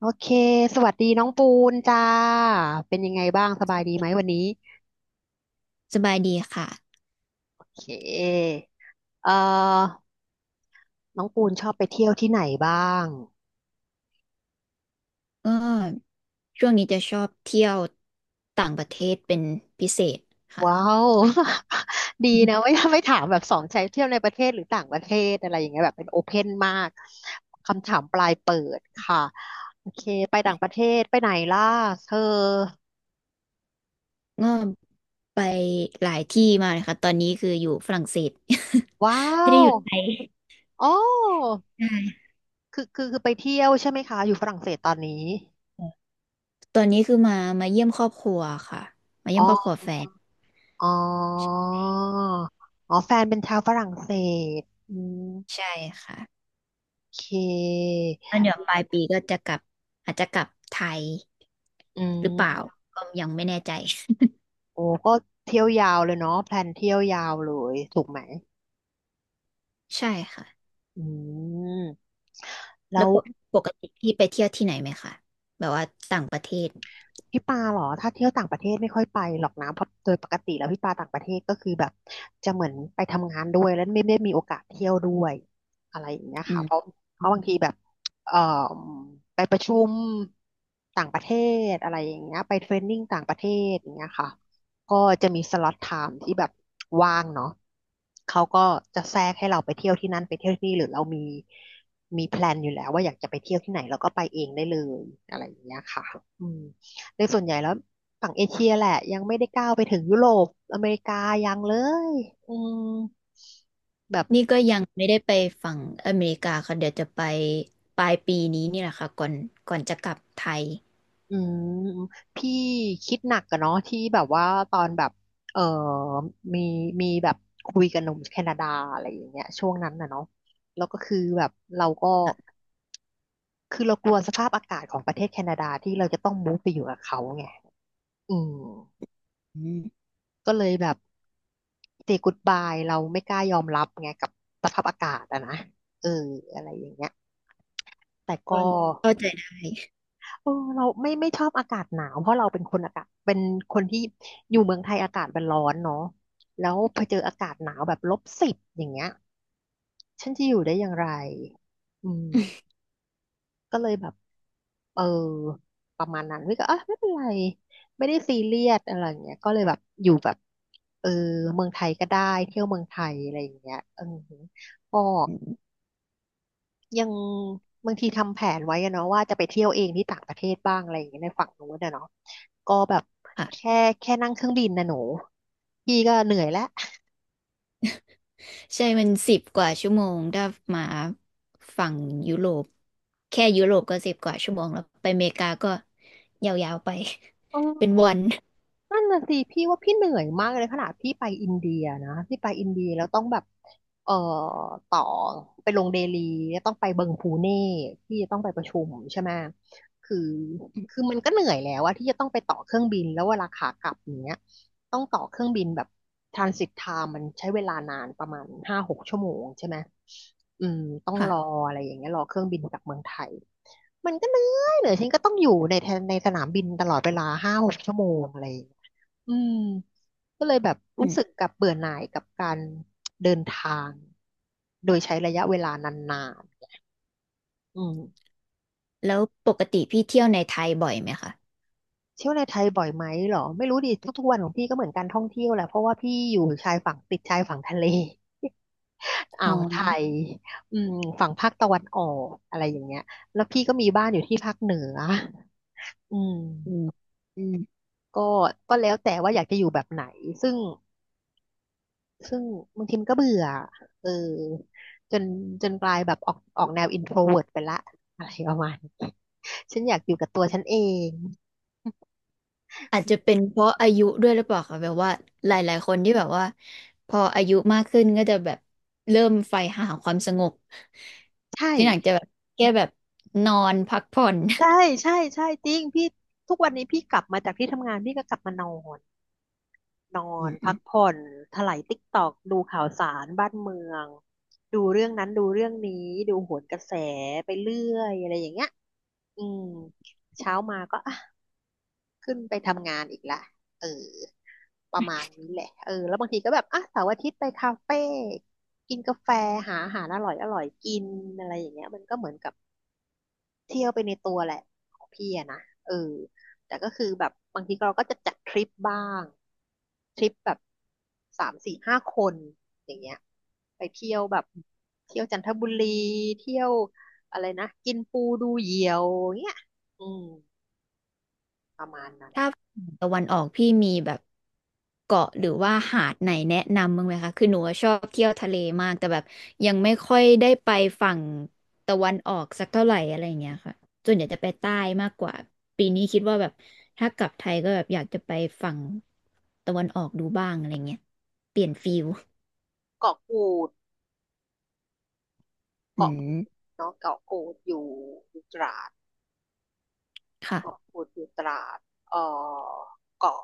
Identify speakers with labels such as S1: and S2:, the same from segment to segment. S1: โอเคสวัสดีน้องปูนจ้าเป็นยังไงบ้าง สบายดีไหมวันนี้
S2: สบายดีค่ะ
S1: โอเคเอ่อน้องปูนชอบไปเที่ยวที่ไหนบ้าง
S2: ก็ช่วงนี้จะชอบเที่ยวต่างประเทศเป็นพิเศษ
S1: ว้า
S2: ค่ะ
S1: ว ดีนะไม่ถามแบบสองใช้เที่ยวในประเทศหรือต่างประเทศอะไรอย่างเงี้ยแบบเป็นโอเพนมากค่ะโอเคไปต่างประเทศไปไหนล่ะเธอ
S2: ก็ไปหลายที่มาเลยค่ะตอนนี้คืออยู่ฝรั่งเศส
S1: ว้า
S2: ไม่ได้
S1: ว
S2: อยู่ไทย
S1: อ๋อ
S2: ใช่
S1: คือไปเที่ยวใช่ไหมคะอยู่ฝรั่งเศสตอนนี้
S2: ตอนนี้คือมาเยี่ยมครอบครัวค่ะ มา
S1: อ๋
S2: เยี่ย
S1: อ
S2: มครอบครัวแฟน
S1: อ๋ออ๋อแฟนเป็นชาวฝรั่งเศสอืม
S2: ใช่ค่ะ
S1: โอเค
S2: ตอนเดี๋ยวปลายปีก็จะกลับ อาจจะกลับไทย
S1: อื
S2: หรือเปล่า
S1: ม
S2: ก็ยังไม่แน่ใจ
S1: โอ้ก็เที่ยวยาวเลยเนาะแพลนเที่ยวยาวเลยถูกไหม
S2: ใช่ค่ะ
S1: อืมแล้
S2: แล้ว
S1: ว
S2: ปกติพี่ไปเที่ยวที่ไหนไหมคะแบบว่าต่างประเทศ
S1: พี่ปาเหรอถ้าเที่ยวต่างประเทศไม่ค่อยไปหรอกนะเพราะโดยปกติแล้วพี่ปาต่างประเทศก็คือแบบจะเหมือนไปทำงานด้วยแล้วไม่ได้มีโอกาสเที่ยวด้วยอะไรอย่างเงี้ย
S2: อื
S1: ค่ะเพราะ
S2: ม
S1: เพราะบางทีแบบเอ่อไปประชุมต่างประเทศอะไรอย่างเงี้ยไปเทรนนิ่งต่างประเทศอย่างเงี้ยค่ะก็จะมีสล็อตไทม์ที่แบบว่างเนาะเขาก็จะแทรกให้เราไปเที่ยวที่นั่นไปเที่ยวที่นี่หรือเรามีแพลนอยู่แล้วว่าอยากจะไปเที่ยวที่ไหนเราก็ไปเองได้เลยอะไรอย่างเงี้ยค่ะอืม ในส่วนใหญ่แล้วฝั่งเอเชียแหละยังไม่ได้ก้าวไปถึงยุโรปอเมริกายังเลยอืมแบบ
S2: นี่ก็ยังไม่ได้ไปฝั่งอเมริกาค่ะเดี๋ยวจะไปปลายปีนี้นี่แหละค่ะก่อนจะกลับไทย
S1: อืมพี่คิดหนักอะเนาะที่แบบว่าตอนแบบเออมีมีแบบคุยกับหนุ่มแคนาดาอะไรอย่างเงี้ยช่วงนั้นน่ะเนาะแล้วก็คือแบบเราก็คือเรากลัวสภาพอากาศของประเทศแคนาดาที่เราจะต้องมูฟไปอยู่กับเขาไงอืม
S2: อืม
S1: ก็เลยแบบ say goodbye เราไม่กล้ายอมรับไงกับสภาพอากาศอะนะเอออะไรอย่างเงี้ย แต่ก็
S2: ก็เข้าใจได้
S1: เออเราไม่ชอบอากาศหนาวเพราะเราเป็นคนอากาศเป็นคนที่อยู่เมืองไทยอากาศมันร้อนเนาะแล้วพอเจออากาศหนาวแบบลบสิบอย่างเงี้ยฉันจะอยู่ได้อย่างไรอืมก็เลยแบบเออประมาณนั้นพี่ก็อ่ะไม่เป็นไรไม่ได้ซีเรียสอะไรอย่างเงี้ยก็เลยแบบอยู่แบบเออเมืองไทยก็ได้เที่ยวเมืองไทยอะไรอย่างเงี้ยเออก็ ยังบางทีทำแผนไว้อะเนาะว่าจะไปเที่ยวเองที่ต่างประเทศบ้างอะไรอย่างเงี้ยในฝั่งนู้นอะเนาะก็แบบ
S2: ค่ะ
S1: แค่แค่นั่งเครื่องบินนะหนูพี่ก็เหนื่อยแล้ว
S2: ใช่มันสิบกว่าชั่วโมงถ้ามาฝั่งยุโรปแค่ยุโรปก็สิบกว่าชั่วโมงแล้วไปอเมริกาก็ยาวๆไป เป็น วัน
S1: นั่นน่ะสิพี่ว่าพี่เหนื่อยมากเลยขนาดพี่ไปอินเดียนะพี่ไปอินเดียแล้วต้องแบบเอ่อต่อไปลงเดลีแล้วต้องไปเบิงพูเน่พี่จะต้องไปประชุมใช่ไหมคือคือมันก็เหนื่อยแล้วว่าที่จะต้องไปต่อเครื่องบินแล้วเวลาขากลับอย่างเนี้ยต้องต่อเครื่องบินแบบทรานสิตไทม์มันใช้เวลานานประมาณห้าหกชั่วโมงใช่ไหมอืมต้องรอ
S2: ค่ะ
S1: อะไรอย่างเงี้ยรอเครื่องบินกลับเมืองไทยมันก็เหนื่อยฉันก็ต้องอยู่ในแทนในสนามบินตลอดเวลาห้าหกชั่วโมงอะไรอย่างเงี้ย อืมก็เลยแบบ
S2: อื
S1: รู้
S2: ม
S1: สึกกับเบื่อหน่ายกับการเดินทางโดยใช้ระยะเวลานานๆอืม
S2: แล้วปกติพี่เที่ยวในไทยบ่อยไหมคะ
S1: เที่ยวในไทยบ่อยไหมเหรอไม่รู้ดิทุกๆวันของพี่ก็เหมือนการท่องเที่ยวแหละเพราะว่าพี่อยู่ชายฝั่งติดชายฝั่งทะเล อ่า
S2: อ๋อ
S1: วไทยอืมฝั่งภาคตะวันออกอะไรอย่างเงี้ยแล้วพี่ก็มีบ้านอยู่ที่ภาคเหนืออื
S2: อื
S1: ม
S2: ม
S1: ก็ก็แล้วแต่ว่าอยากจะอยู่แบบไหนซึ่ง ซึ่งบางทีมันก็เบื่อเออจนจนกลายแบบออกแนว Intro v e วิร์ไปละอะไรประมาณนี้ฉันอยากอยู่กับตัวฉันเอง
S2: อาจจะเป็นเพราะอายุด้วยหรือเปล่าคะแบบว่าหลายๆคนที่แบบว่าพออายุมากขึ้นก็จะแบบเริ่มใฝ่หาความสงบ
S1: ใช่
S2: ที่หนังจะแบบแค่แบบนอนพักผ่อน
S1: ใช่ ใช่ใช่จริงพี่ทุกวันนี้พี่กลับมาจากที่ทำงานพี่ก็กลับมานอน นอ
S2: อื
S1: นพัก
S2: ม
S1: ผ่อนไถลายติ๊กตอก ดูข่าวสารบ้านเมือง ดูเรื่องนั้นดูเรื่องนี้ ดูโหนกระแสไปเรื่อยอะไรอย่างเงี้ยอืมเช้ามาก็อ่ะ ขึ้นไปทำงานอีกละเออประมาณนี้แหละเออแล้วบางทีก็แบบอ่ะเสาร์อาทิตย์ไปคาเฟ่กินกาแฟ หาอาหารอร่อยอร่อยกินอะไรอย่างเงี้ยมันก็เหมือนกับเที่ยวไปในตัวแหละของพี่อะนะเออแต่ก็คือแบบบางทีเราก็จะจัดทริปบ้าง ทริปแบบสามสี่ห้าคนอย่างเงี้ยไปเที่ยวแบบเที่ยวจันทบุรีเที่ยวอะไรนะ กินปูดูเหยี่ยวเงี้ยอืมประมาณนั้น
S2: ตะวันออกพี่มีแบบเกาะหรือว่าหาดไหนแนะนำบ้างไหมคะคือหนูชอบเที่ยวทะเลมากแต่แบบยังไม่ค่อยได้ไปฝั่งตะวันออกสักเท่าไหร่อะไรอย่างเงี้ยค่ะส่วนใหญ่จะไปใต้มากกว่าปีนี้คิดว่าแบบถ้ากลับไทยก็แบบอยากจะไปฝั่งตะวันออกดูบ้างอะไรเงี้ยเปลี่ยนฟิล
S1: เกาะกูด
S2: อื
S1: เกาะกู
S2: ม
S1: ดเนาะเกาะกูดอยู่ตราดเกาะ
S2: ค่ะ
S1: กูดอยู่ตราดเอ่อเกาะ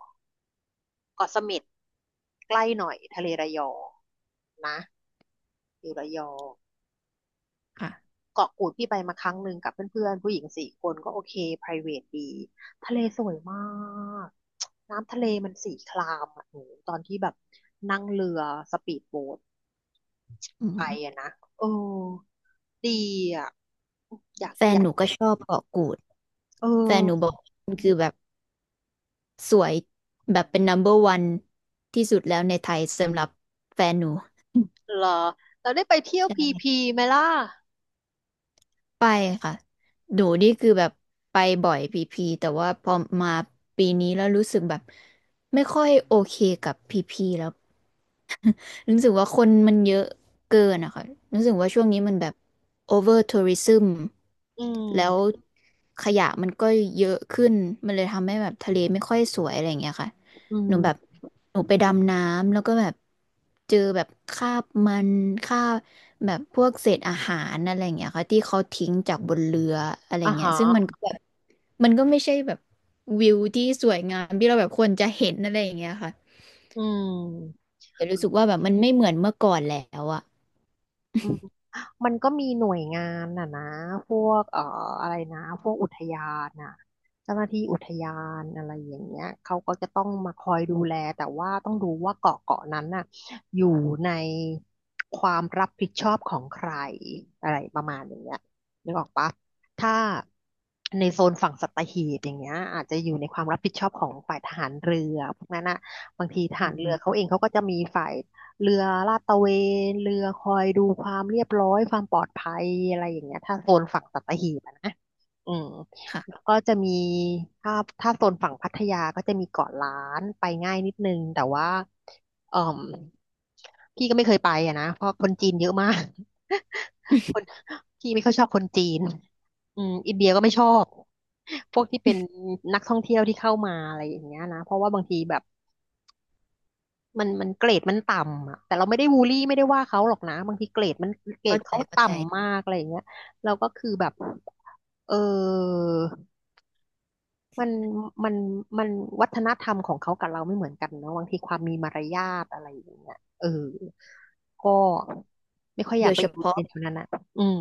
S1: เกาะเสม็ดใกล้หน่อยทะเลระยองนะอยู่ระยอง
S2: ค่ะ
S1: เกาะกูดพี่ไปมาครั้งหนึ่งกับเพื่อนๆผู้หญิงสี่คนก็โอเค private ดีทะเลสวยมากน้ำทะเลมันสีครามอ่ะหนูตอนที่แบบนั่งเรือสปีดโบ๊ท
S2: อื
S1: ไปอะ
S2: ม
S1: นะเออดีอ่ะอยาก
S2: แฟ
S1: อ
S2: น
S1: ยา
S2: ห
S1: ก
S2: นูก็ชอบเกาะกูด
S1: เออ
S2: แฟนหนูบอกมันคือแบบ สวยแบบเป็น number one ที่สุดแล้วในไทยสำหรับแฟนหนู
S1: เหรอเราได้ไปเที่ยวพีพี
S2: ใช่
S1: ไหมล่ะ
S2: ไปค่ะหนูนี่คือแบบไปบ่อยพีพีแต่ว่าพอมาปีนี้แล้วรู้สึกแบบไม่ค่อยโอเคกับพีพีแล้ว รู้สึกว่าคนมันเยอะเกินอะค่ะรู้สึกว่าช่วงนี้มันแบบ over tourism
S1: อื
S2: แล้ว
S1: ม
S2: ขยะมันก็เยอะขึ้น มันเลยทำให้แบบทะเลไม่ค่อยสวยอะไรอย่างเงี้ยค่ะ
S1: อื
S2: หนูแบบ
S1: ม
S2: หนูไปดำน้ำแล้วก็แบบเจอแบบคราบมันคราบแบบพวกเศษอาหารอะไรอย่างเงี้ยค่ะที่เขาทิ้งจากบนเรืออะไร
S1: อ่า
S2: เงี้ย
S1: ฮะ
S2: ซึ่งมันก็แบบมันก็ไม่ใช่แบบวิวที่สวยงามที่เราแบบควรจะเห็นอะไรอย่างเงี้ยค่ะ
S1: อืม
S2: แต่รู้สึกว่าแบบมันไม่เหมือนเมื่อก่อนแล้วอะ
S1: อืม มันก็มีหน่วยงานน่ะนะพวกอะไรนะพวกอุทยานน่ะเจ้าหน้าที่อุทยานอะไรอย่างเงี้ยเขาก็จะต้องมาคอยดูแลแต่ว่าต้องดูว่าเกาะนั้นน่ะอยู่ในความรับผิดชอบของใครอะไรประมาณอย่างเงี้ยนึกออกปะถ้าในโซนฝั่งสัตหีบอย่างเงี้ยอาจจะอยู่ในความรับผิดชอบของฝ่ายทหารเรือพวกนั้นน่ะบางทีท
S2: อื
S1: หารเรือเขา
S2: ม
S1: เองเขาก็จะมีฝ่าย เรือลาดตระเวนเรือคอยดูความเรียบร้อยความปลอดภัยอะไรอย่างเงี้ยถ้าโซนฝั่งสัตหีบอะนะอืม
S2: ค่ะ
S1: แล้วก็จะมีถ้าโซนฝั่งพัทยาก็จะมีเกาะล้านไปง่ายนิดนึงแต่ว่าเอ่มพี่ก็ไม่เคยไปอะนะเพราะคนจีนเยอะมาก คน พี่ไม่ค่อยชอบคนจีนอืมอินเดียก็ไม่ชอบพวกที่เป็นนักท่องเที่ยวที่เข้ามาอะไรอย่างเงี้ยนะเพราะว่าบางทีแบบ มันเกรดมันต่ำอ่ะแต่เราไม่ได้บูลลี่ไม่ได้ว่าเขาหรอกนะบางทีเกรดมันเกรด
S2: เข้าใจ
S1: เขา
S2: เข้าใจ
S1: ต่ำมากอะไรอย่างเงี้ยเราก็คือแบบเออมันมันมันวัฒนธรรมของเขากับเราไม่เหมือนกันเนาะบางทีความมีมารยาทอะไรอย่างเงี้ยเออก็ไม่ค่อยอ
S2: โด
S1: ยาก
S2: ย
S1: ไป
S2: เฉ
S1: อยู่
S2: พาะ
S1: ในแถวนั้นอ่ะอืม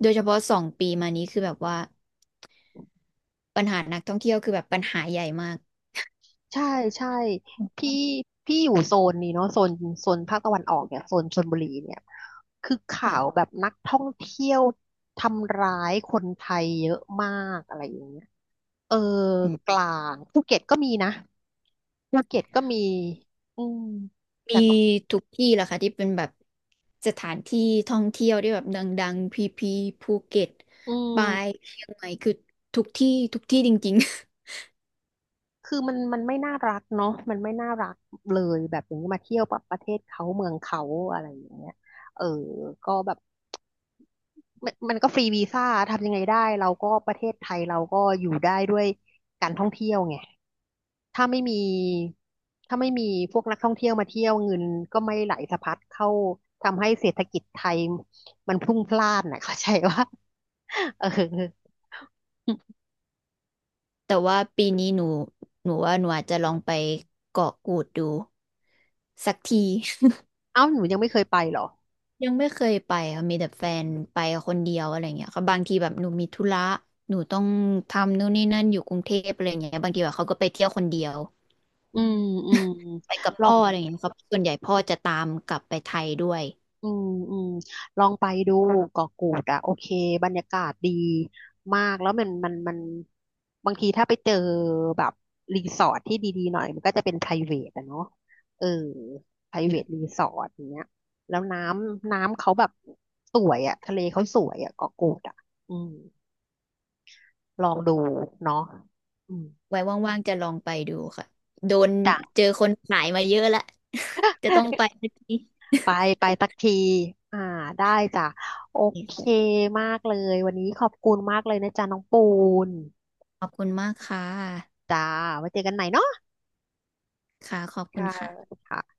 S2: โดยเฉพาะสองปีมานี้คือแบบว่าปัญหานักท่องเที่ยวคือแบบปัญหาใหญ่มาก
S1: ใช่ใช่พี่พี่อยู่โซนนี้เนาะโซนภาคตะวันออกเนี่ยโซนชลบุรีเนี่ยคือข่าว
S2: ค่ะ
S1: แบบนักท่องเที่ยวทำร้ายคนไทยเยอะมากอะไรอย่างเงี้ยเออ
S2: อืม
S1: กลางภูเก็ตก็มีนะภูเก็ตก็มีอืม
S2: มี
S1: แต่ก็
S2: ทุกที่แหละค่ะที่เป็นแบบสถานที่ท่องเที่ยวที่แบบดังๆพีพีภูเก็ต
S1: อื
S2: ปาย
S1: ม
S2: เชียงใหม่คือทุกที่ทุกที่จริงๆ
S1: คือมันไม่น่ารักเนาะมันไม่น่ารักเลยแบบอย่างนี้มาเที่ยวประเทศเขาเมืองเขาอะไรอย่างเงี้ยเออก็แบบ มันก็ฟรีวีซ่าทำยังไงได้เราก็ประเทศไทยเราก็อยู่ได้ด้วยการท่องเที่ยวไงถ้าไม่มีถ้าไม่มีพวกนักท่องเที่ยวมาเที่ยวเงินก็ไม่ไหลสะพัดเข้าทำให้เศรษฐกิจไทยมันพลุ่งพล่านนะ เข้าใจว่าเออ
S2: แต่ว่าปีนี้หนูว่าหนูอาจจะลองไปเกาะกูดดูสักที
S1: เอ้าหนูยังไม่เคยไปเหรอ
S2: ยังไม่เคยไปค่ะมีแต่แฟนไป คนเดียวอะไรเงี้ยค่ะบางทีแบบหนูมีธุระหนูต้องทำนู่นนี่นั่นอยู่กรุงเทพอะไรเงี้ยบางทีแบบเขาก็ไปเที่ยวคนเดียว
S1: อืมอืม
S2: ไปกับ
S1: ลอ
S2: พ่
S1: ง
S2: ออะไรเงี้ยครับส่วนใหญ่พ่อจะตามกลับไปไทยด้วย
S1: อืมอืมลองไปดูเกาะกูดอ่ะโอเคบรรยากาศดีมากแล้วมันบางทีถ้าไปเจอแบบรีสอร์ทที่ดีๆหน่อยมันก็จะเป็น private อะเนาะเออ private รีสอร์ทอย่างเงี้ยแล้วน้ำเขาแบบสวยอ่ะทะเลเขาสวยอ่ะเกาะกูดอ่ะอืมลองดูเนาะอืม
S2: ไว้ว่างๆจะลองไปดูค่ะโดน
S1: จ้ะ
S2: เจอคนขายมาเยอะละ จะต้องไปสักที
S1: ไปไปสักทีอ่าได้จ้ะโอเคมากเลยวันนี้ขอบคุณมากเลยนะจ๊ะน้องปูน
S2: ขอบคุณมากค่ะ
S1: จ้าไว้เจอกันใหม่เนาะ
S2: ค่ะ ขอบคุณ
S1: ค่ะ
S2: ค่ะ
S1: ค่ะ